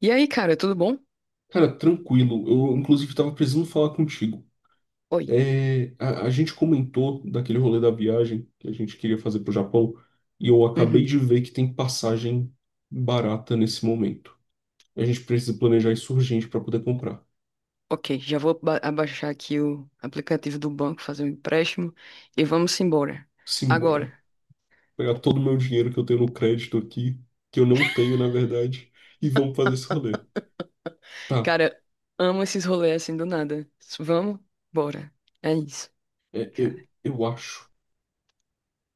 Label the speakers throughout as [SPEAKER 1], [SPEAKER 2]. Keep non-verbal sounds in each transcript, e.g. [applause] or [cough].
[SPEAKER 1] E aí, cara, tudo bom?
[SPEAKER 2] Cara, tranquilo. Eu, inclusive, estava precisando falar contigo.
[SPEAKER 1] Oi.
[SPEAKER 2] É, a gente comentou daquele rolê da viagem que a gente queria fazer pro Japão, e eu acabei
[SPEAKER 1] Uhum.
[SPEAKER 2] de ver que tem passagem barata nesse momento. A gente precisa planejar isso urgente para poder comprar.
[SPEAKER 1] Ok, já vou abaixar aqui o aplicativo do banco, fazer um empréstimo e vamos embora.
[SPEAKER 2] Simbora.
[SPEAKER 1] Agora.
[SPEAKER 2] Pegar todo o meu dinheiro que eu tenho no crédito aqui, que eu não tenho, na verdade, e vamos fazer esse rolê. Tá,
[SPEAKER 1] Cara, amo esses rolês assim do nada. Vamos? Bora. É isso,
[SPEAKER 2] é, eu,
[SPEAKER 1] cara.
[SPEAKER 2] eu acho.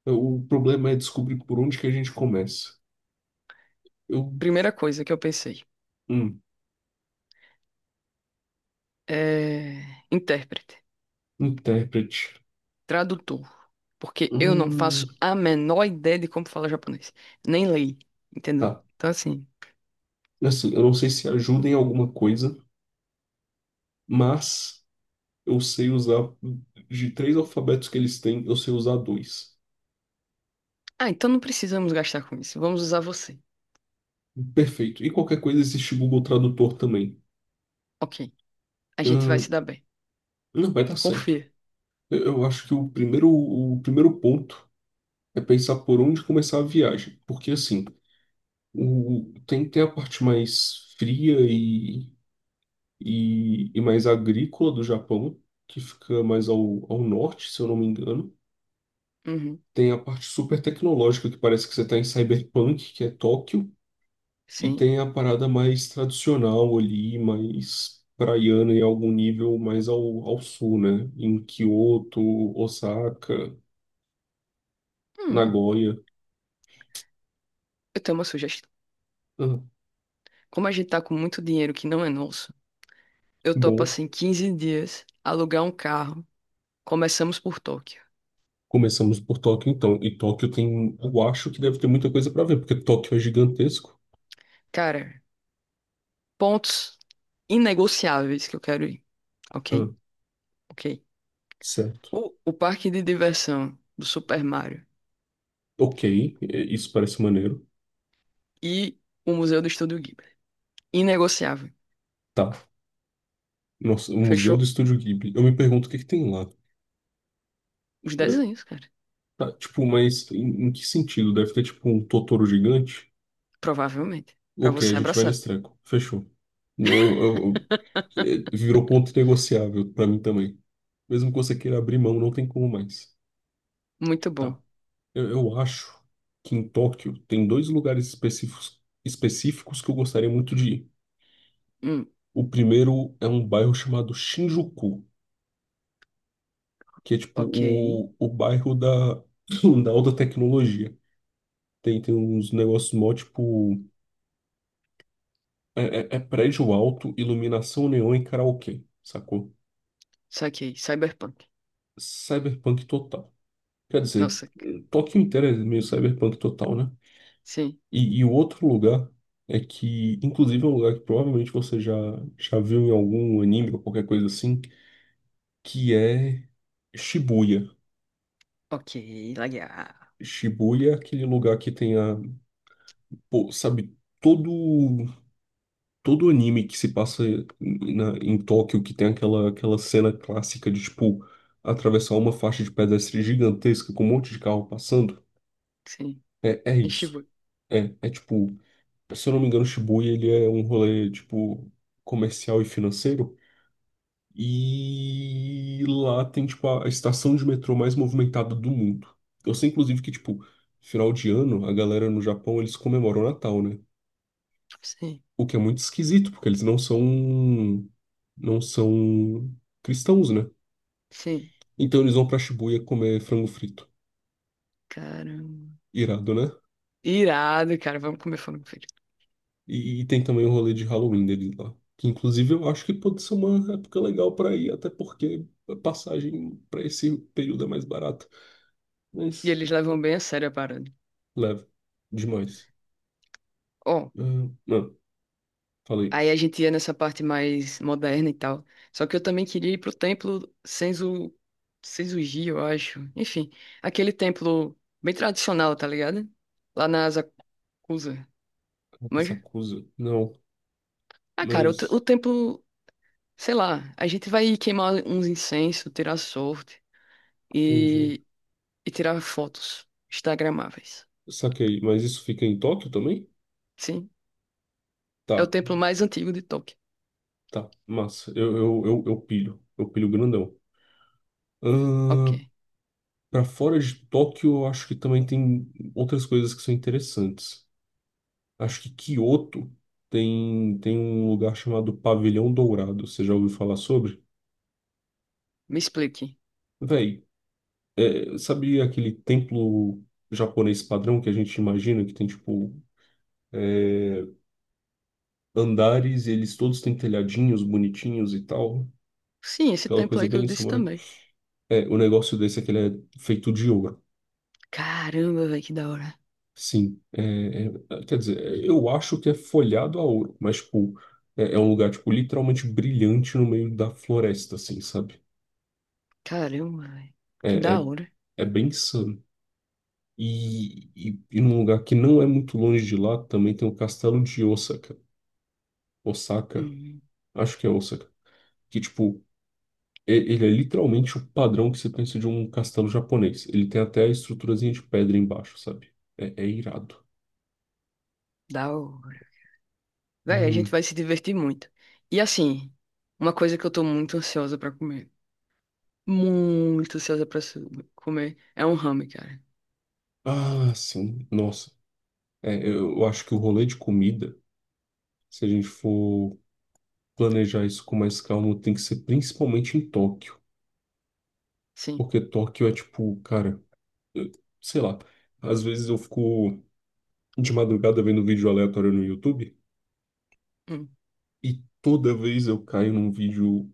[SPEAKER 2] O problema é descobrir por onde que a gente começa. Eu.
[SPEAKER 1] Primeira coisa que eu pensei
[SPEAKER 2] Hum,
[SPEAKER 1] é intérprete,
[SPEAKER 2] intérprete.
[SPEAKER 1] tradutor, porque eu não
[SPEAKER 2] Hum.
[SPEAKER 1] faço a menor ideia de como falar japonês, nem leio, entendeu?
[SPEAKER 2] Tá.
[SPEAKER 1] Então assim,
[SPEAKER 2] Assim, eu não sei se ajuda em alguma coisa, mas eu sei usar de três alfabetos que eles têm, eu sei usar dois.
[SPEAKER 1] ah, então não precisamos gastar com isso. Vamos usar você.
[SPEAKER 2] Perfeito. E qualquer coisa existe Google Tradutor também.
[SPEAKER 1] Ok, a gente vai
[SPEAKER 2] Ahn,
[SPEAKER 1] se dar bem.
[SPEAKER 2] não vai dar certo.
[SPEAKER 1] Confia.
[SPEAKER 2] Eu acho que o primeiro ponto é pensar por onde começar a viagem. Porque assim, tem a parte mais fria e mais agrícola do Japão, que fica mais ao norte, se eu não me engano.
[SPEAKER 1] Uhum.
[SPEAKER 2] Tem a parte super tecnológica, que parece que você está em Cyberpunk, que é Tóquio, e
[SPEAKER 1] Sim.
[SPEAKER 2] tem a parada mais tradicional ali, mais praiana em algum nível mais ao sul, né? Em Kyoto, Osaka,
[SPEAKER 1] Hum,
[SPEAKER 2] Nagoya.
[SPEAKER 1] eu tenho uma sugestão.
[SPEAKER 2] Ah,
[SPEAKER 1] Como a gente tá com muito dinheiro que não é nosso,
[SPEAKER 2] que
[SPEAKER 1] eu topo
[SPEAKER 2] bom.
[SPEAKER 1] assim 15 dias alugar um carro. Começamos por Tóquio.
[SPEAKER 2] Começamos por Tóquio, então. E Tóquio tem, eu acho que deve ter muita coisa para ver, porque Tóquio é gigantesco.
[SPEAKER 1] Cara, pontos inegociáveis que eu quero ir.
[SPEAKER 2] Ah,
[SPEAKER 1] Ok? Ok.
[SPEAKER 2] certo.
[SPEAKER 1] O parque de diversão do Super Mario
[SPEAKER 2] Ok, é, isso parece maneiro.
[SPEAKER 1] e o Museu do Estúdio Ghibli. Inegociável.
[SPEAKER 2] Tá. Nossa, o Museu do
[SPEAKER 1] Fechou
[SPEAKER 2] Estúdio Ghibli. Eu me pergunto o que que tem lá.
[SPEAKER 1] os desenhos, cara.
[SPEAKER 2] Tá, tipo, mas em, em que sentido? Deve ter, tipo, um Totoro gigante?
[SPEAKER 1] Provavelmente. Pra
[SPEAKER 2] Ok, a
[SPEAKER 1] você
[SPEAKER 2] gente vai
[SPEAKER 1] abraçar.
[SPEAKER 2] nesse treco. Fechou. Eu- eu- eu- É, virou ponto negociável pra mim também. Mesmo que você queira abrir mão, não tem como mais.
[SPEAKER 1] Muito
[SPEAKER 2] Tá.
[SPEAKER 1] bom.
[SPEAKER 2] Eu acho que em Tóquio tem dois lugares específicos que eu gostaria muito de ir.
[SPEAKER 1] Hum,
[SPEAKER 2] O primeiro é um bairro chamado Shinjuku, que é tipo
[SPEAKER 1] ok.
[SPEAKER 2] o bairro da, [laughs] [clears throat] da alta tecnologia. Tem uns negócios mó, tipo. É, é prédio alto, iluminação neon e karaokê, sacou?
[SPEAKER 1] Saquei. Cyberpunk.
[SPEAKER 2] Cyberpunk total. Quer dizer,
[SPEAKER 1] Nossa.
[SPEAKER 2] Tóquio inteiro é meio cyberpunk total, né?
[SPEAKER 1] Sim.
[SPEAKER 2] E o outro lugar é que, inclusive, é um lugar que provavelmente você já viu em algum anime ou qualquer coisa assim, que é Shibuya.
[SPEAKER 1] Ok, legal.
[SPEAKER 2] Shibuya é aquele lugar que tem a, pô, sabe, todo anime que se passa em Tóquio, que tem aquela cena clássica de, tipo, atravessar uma faixa de pedestre gigantesca com um monte de carro passando,
[SPEAKER 1] Sim.
[SPEAKER 2] é isso.
[SPEAKER 1] Enchibu.
[SPEAKER 2] É tipo, se eu não me engano, Shibuya, ele é um rolê, tipo, comercial e financeiro. E lá tem, tipo, a estação de metrô mais movimentada do mundo. Eu sei, inclusive, que, tipo, final de ano, a galera no Japão, eles comemoram o Natal, né?
[SPEAKER 1] Sim.
[SPEAKER 2] O que é muito esquisito, porque eles não são cristãos, né?
[SPEAKER 1] Sim.
[SPEAKER 2] Então eles vão pra Shibuya comer frango frito.
[SPEAKER 1] Caramba.
[SPEAKER 2] Irado, né?
[SPEAKER 1] Irado, cara. Vamos comer frango frito.
[SPEAKER 2] E tem também o rolê de Halloween deles lá. Que inclusive eu acho que pode ser uma época legal pra ir, até porque a passagem pra esse período é mais barata.
[SPEAKER 1] E
[SPEAKER 2] Mas
[SPEAKER 1] eles levam bem a sério a parada.
[SPEAKER 2] leve. Demais.
[SPEAKER 1] Ó,
[SPEAKER 2] Ah, não, falei.
[SPEAKER 1] aí a gente ia nessa parte mais moderna e tal. Só que eu também queria ir pro templo Senzu... Senzu-ji, eu acho. Enfim, aquele templo bem tradicional, tá ligado? Lá na Asakusa. Manja?
[SPEAKER 2] Sakusa. Não,
[SPEAKER 1] Ah, cara, o, te-
[SPEAKER 2] mas
[SPEAKER 1] o templo... Sei lá, a gente vai queimar uns incensos, tirar sorte
[SPEAKER 2] entendi.
[SPEAKER 1] e e tirar fotos instagramáveis.
[SPEAKER 2] Saquei. Mas isso fica em Tóquio também?
[SPEAKER 1] Sim, é o
[SPEAKER 2] Tá,
[SPEAKER 1] templo mais antigo de Tóquio.
[SPEAKER 2] tá. Massa. Eu pilho. Eu pilho grandão.
[SPEAKER 1] Ok,
[SPEAKER 2] Ah, para fora de Tóquio, eu acho que também tem outras coisas que são interessantes. Acho que Kyoto tem um lugar chamado Pavilhão Dourado. Você já ouviu falar sobre?
[SPEAKER 1] me explique.
[SPEAKER 2] Véi, é, sabe aquele templo japonês padrão que a gente imagina que tem, tipo, é, andares e eles todos têm telhadinhos bonitinhos e tal?
[SPEAKER 1] Sim, esse
[SPEAKER 2] Aquela
[SPEAKER 1] templo
[SPEAKER 2] coisa
[SPEAKER 1] aí que eu
[SPEAKER 2] bem
[SPEAKER 1] disse
[SPEAKER 2] samurai.
[SPEAKER 1] também.
[SPEAKER 2] É, o negócio desse é que ele é feito de ouro.
[SPEAKER 1] Caramba, velho, que da hora.
[SPEAKER 2] Sim, é, quer dizer, eu acho que é folhado a ouro, mas, tipo, é um lugar, tipo, literalmente brilhante no meio da floresta, assim, sabe?
[SPEAKER 1] Caramba, velho, que
[SPEAKER 2] É,
[SPEAKER 1] da
[SPEAKER 2] é,
[SPEAKER 1] hora.
[SPEAKER 2] é bem insano. E num lugar que não é muito longe de lá, também tem o Castelo de Osaka. Osaka,
[SPEAKER 1] Hum,
[SPEAKER 2] acho que é Osaka. Que, tipo, ele é literalmente o padrão que você pensa de um castelo japonês. Ele tem até a estruturazinha de pedra embaixo, sabe? É, é irado.
[SPEAKER 1] da hora. Velho, a gente
[SPEAKER 2] Hum.
[SPEAKER 1] vai se divertir muito. E assim, uma coisa que eu tô muito ansiosa pra comer. Muito ansiosa pra comer. É um ramen, cara.
[SPEAKER 2] Ah, sim. Nossa. É, eu acho que o rolê de comida. Se a gente for planejar isso com mais calma, tem que ser principalmente em Tóquio.
[SPEAKER 1] Sim,
[SPEAKER 2] Porque Tóquio é tipo, cara, eu- sei lá. Às vezes eu fico de madrugada vendo vídeo aleatório no YouTube
[SPEAKER 1] hum,
[SPEAKER 2] e toda vez eu caio num vídeo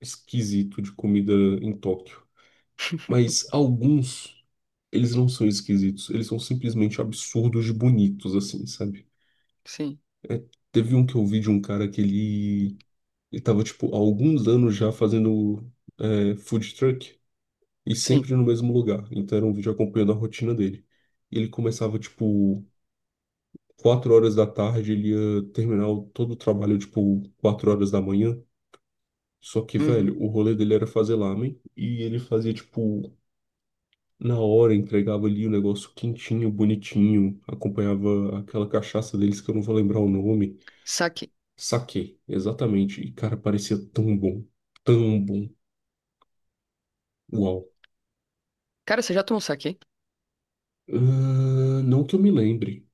[SPEAKER 2] esquisito de comida em Tóquio. Mas alguns, eles não são esquisitos, eles são simplesmente absurdos de bonitos, assim, sabe?
[SPEAKER 1] sim,
[SPEAKER 2] É, teve um que eu vi de um cara que ele tava, tipo, há alguns anos já fazendo é, food truck. E
[SPEAKER 1] sim.
[SPEAKER 2] sempre no mesmo lugar. Então era um vídeo acompanhando a rotina dele. Ele começava, tipo, quatro horas da tarde, ele ia terminar todo o trabalho, tipo, quatro horas da manhã. Só que, velho,
[SPEAKER 1] Uhum.
[SPEAKER 2] o rolê dele era fazer lamen e ele fazia, tipo, na hora, entregava ali o negócio quentinho, bonitinho, acompanhava aquela cachaça deles que eu não vou lembrar o nome.
[SPEAKER 1] Saque.
[SPEAKER 2] Saquê, exatamente. E, cara, parecia tão bom, tão bom. Uau.
[SPEAKER 1] Cara, você já tomou saque?
[SPEAKER 2] Ah, não que eu me lembre.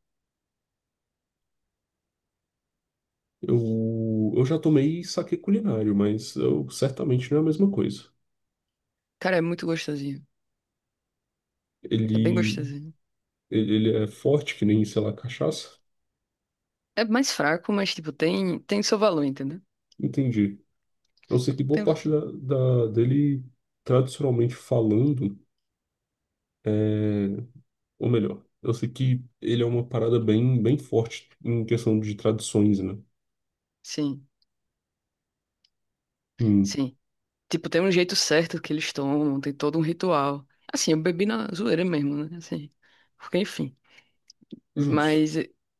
[SPEAKER 2] Eu já tomei saquê culinário, mas certamente não é a mesma coisa.
[SPEAKER 1] Cara, é muito gostosinho. É bem
[SPEAKER 2] Ele,
[SPEAKER 1] gostosinho.
[SPEAKER 2] ele é forte que nem, sei lá, cachaça?
[SPEAKER 1] É mais fraco, mas, tipo, tem seu valor, entendeu?
[SPEAKER 2] Entendi. Eu sei que boa
[SPEAKER 1] Tem, um,
[SPEAKER 2] parte dele, tradicionalmente falando, é... Ou melhor, eu sei que ele é uma parada bem, bem forte em questão de tradições, né?
[SPEAKER 1] sim,
[SPEAKER 2] Hum,
[SPEAKER 1] sim. Tipo, tem um jeito certo que eles tomam, tem todo um ritual. Assim, eu bebi na zoeira mesmo, né? Assim, porque, enfim.
[SPEAKER 2] justo.
[SPEAKER 1] Mas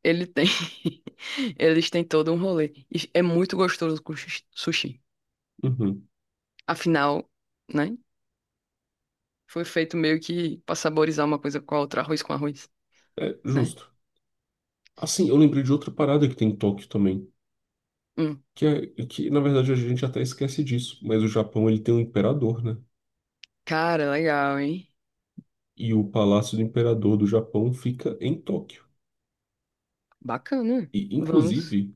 [SPEAKER 1] ele tem... [laughs] Eles têm todo um rolê. E é muito gostoso com sushi.
[SPEAKER 2] Uhum.
[SPEAKER 1] Afinal, né? Foi feito meio que pra saborizar uma coisa com a outra, arroz com arroz,
[SPEAKER 2] É,
[SPEAKER 1] né?
[SPEAKER 2] justo. Assim, eu lembrei de outra parada que tem em Tóquio também.
[SPEAKER 1] Hum.
[SPEAKER 2] Que, é, que, na verdade, a gente até esquece disso, mas o Japão ele tem um imperador, né?
[SPEAKER 1] Cara, legal, hein?
[SPEAKER 2] e o Palácio do Imperador do Japão fica em Tóquio.
[SPEAKER 1] Bacana.
[SPEAKER 2] E,
[SPEAKER 1] Vamos.
[SPEAKER 2] inclusive,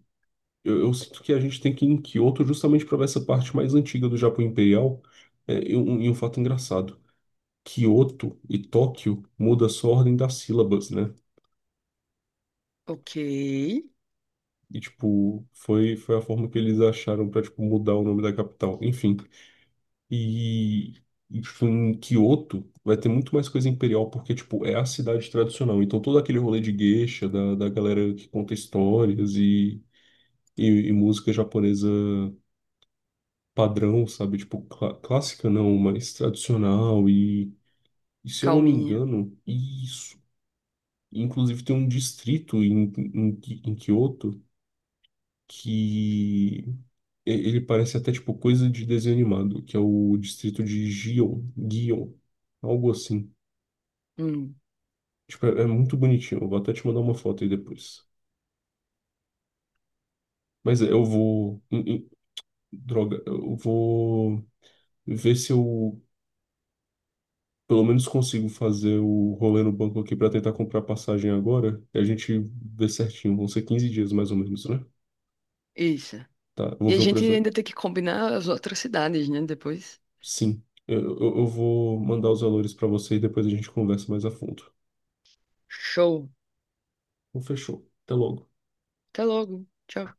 [SPEAKER 2] eu sinto que a gente tem que ir em Kyoto justamente para ver essa parte mais antiga do Japão Imperial. É, e um fato engraçado: Kyoto e Tóquio muda só a ordem das sílabas, né?
[SPEAKER 1] Ok.
[SPEAKER 2] E, tipo, foi a forma que eles acharam para, tipo, mudar o nome da capital. Enfim. E, e, tipo, em Kyoto vai ter muito mais coisa imperial, porque, tipo, é a cidade tradicional. Então, todo aquele rolê de geisha, da galera que conta histórias e e música japonesa padrão, sabe? Tipo, clássica não, mas tradicional. E se eu não me
[SPEAKER 1] Calminha.
[SPEAKER 2] engano, isso. Inclusive tem um distrito em, em, em Kyoto que ele parece até tipo coisa de desenho animado, que é o distrito de Gion, Gion, algo assim.
[SPEAKER 1] Hum.
[SPEAKER 2] Tipo, é muito bonitinho. Eu vou até te mandar uma foto aí depois. Mas é, eu vou. Droga, eu vou ver se eu pelo menos consigo fazer o rolê no banco aqui para tentar comprar passagem agora. E a gente vê certinho. Vão ser 15 dias mais ou menos, né?
[SPEAKER 1] Isso.
[SPEAKER 2] Tá, eu
[SPEAKER 1] E
[SPEAKER 2] vou
[SPEAKER 1] a
[SPEAKER 2] ver o
[SPEAKER 1] gente
[SPEAKER 2] preço.
[SPEAKER 1] ainda tem que combinar as outras cidades, né? Depois.
[SPEAKER 2] Sim, eu vou mandar os valores para você e depois a gente conversa mais a fundo.
[SPEAKER 1] Show.
[SPEAKER 2] Então, fechou. Até logo.
[SPEAKER 1] Até logo. Tchau.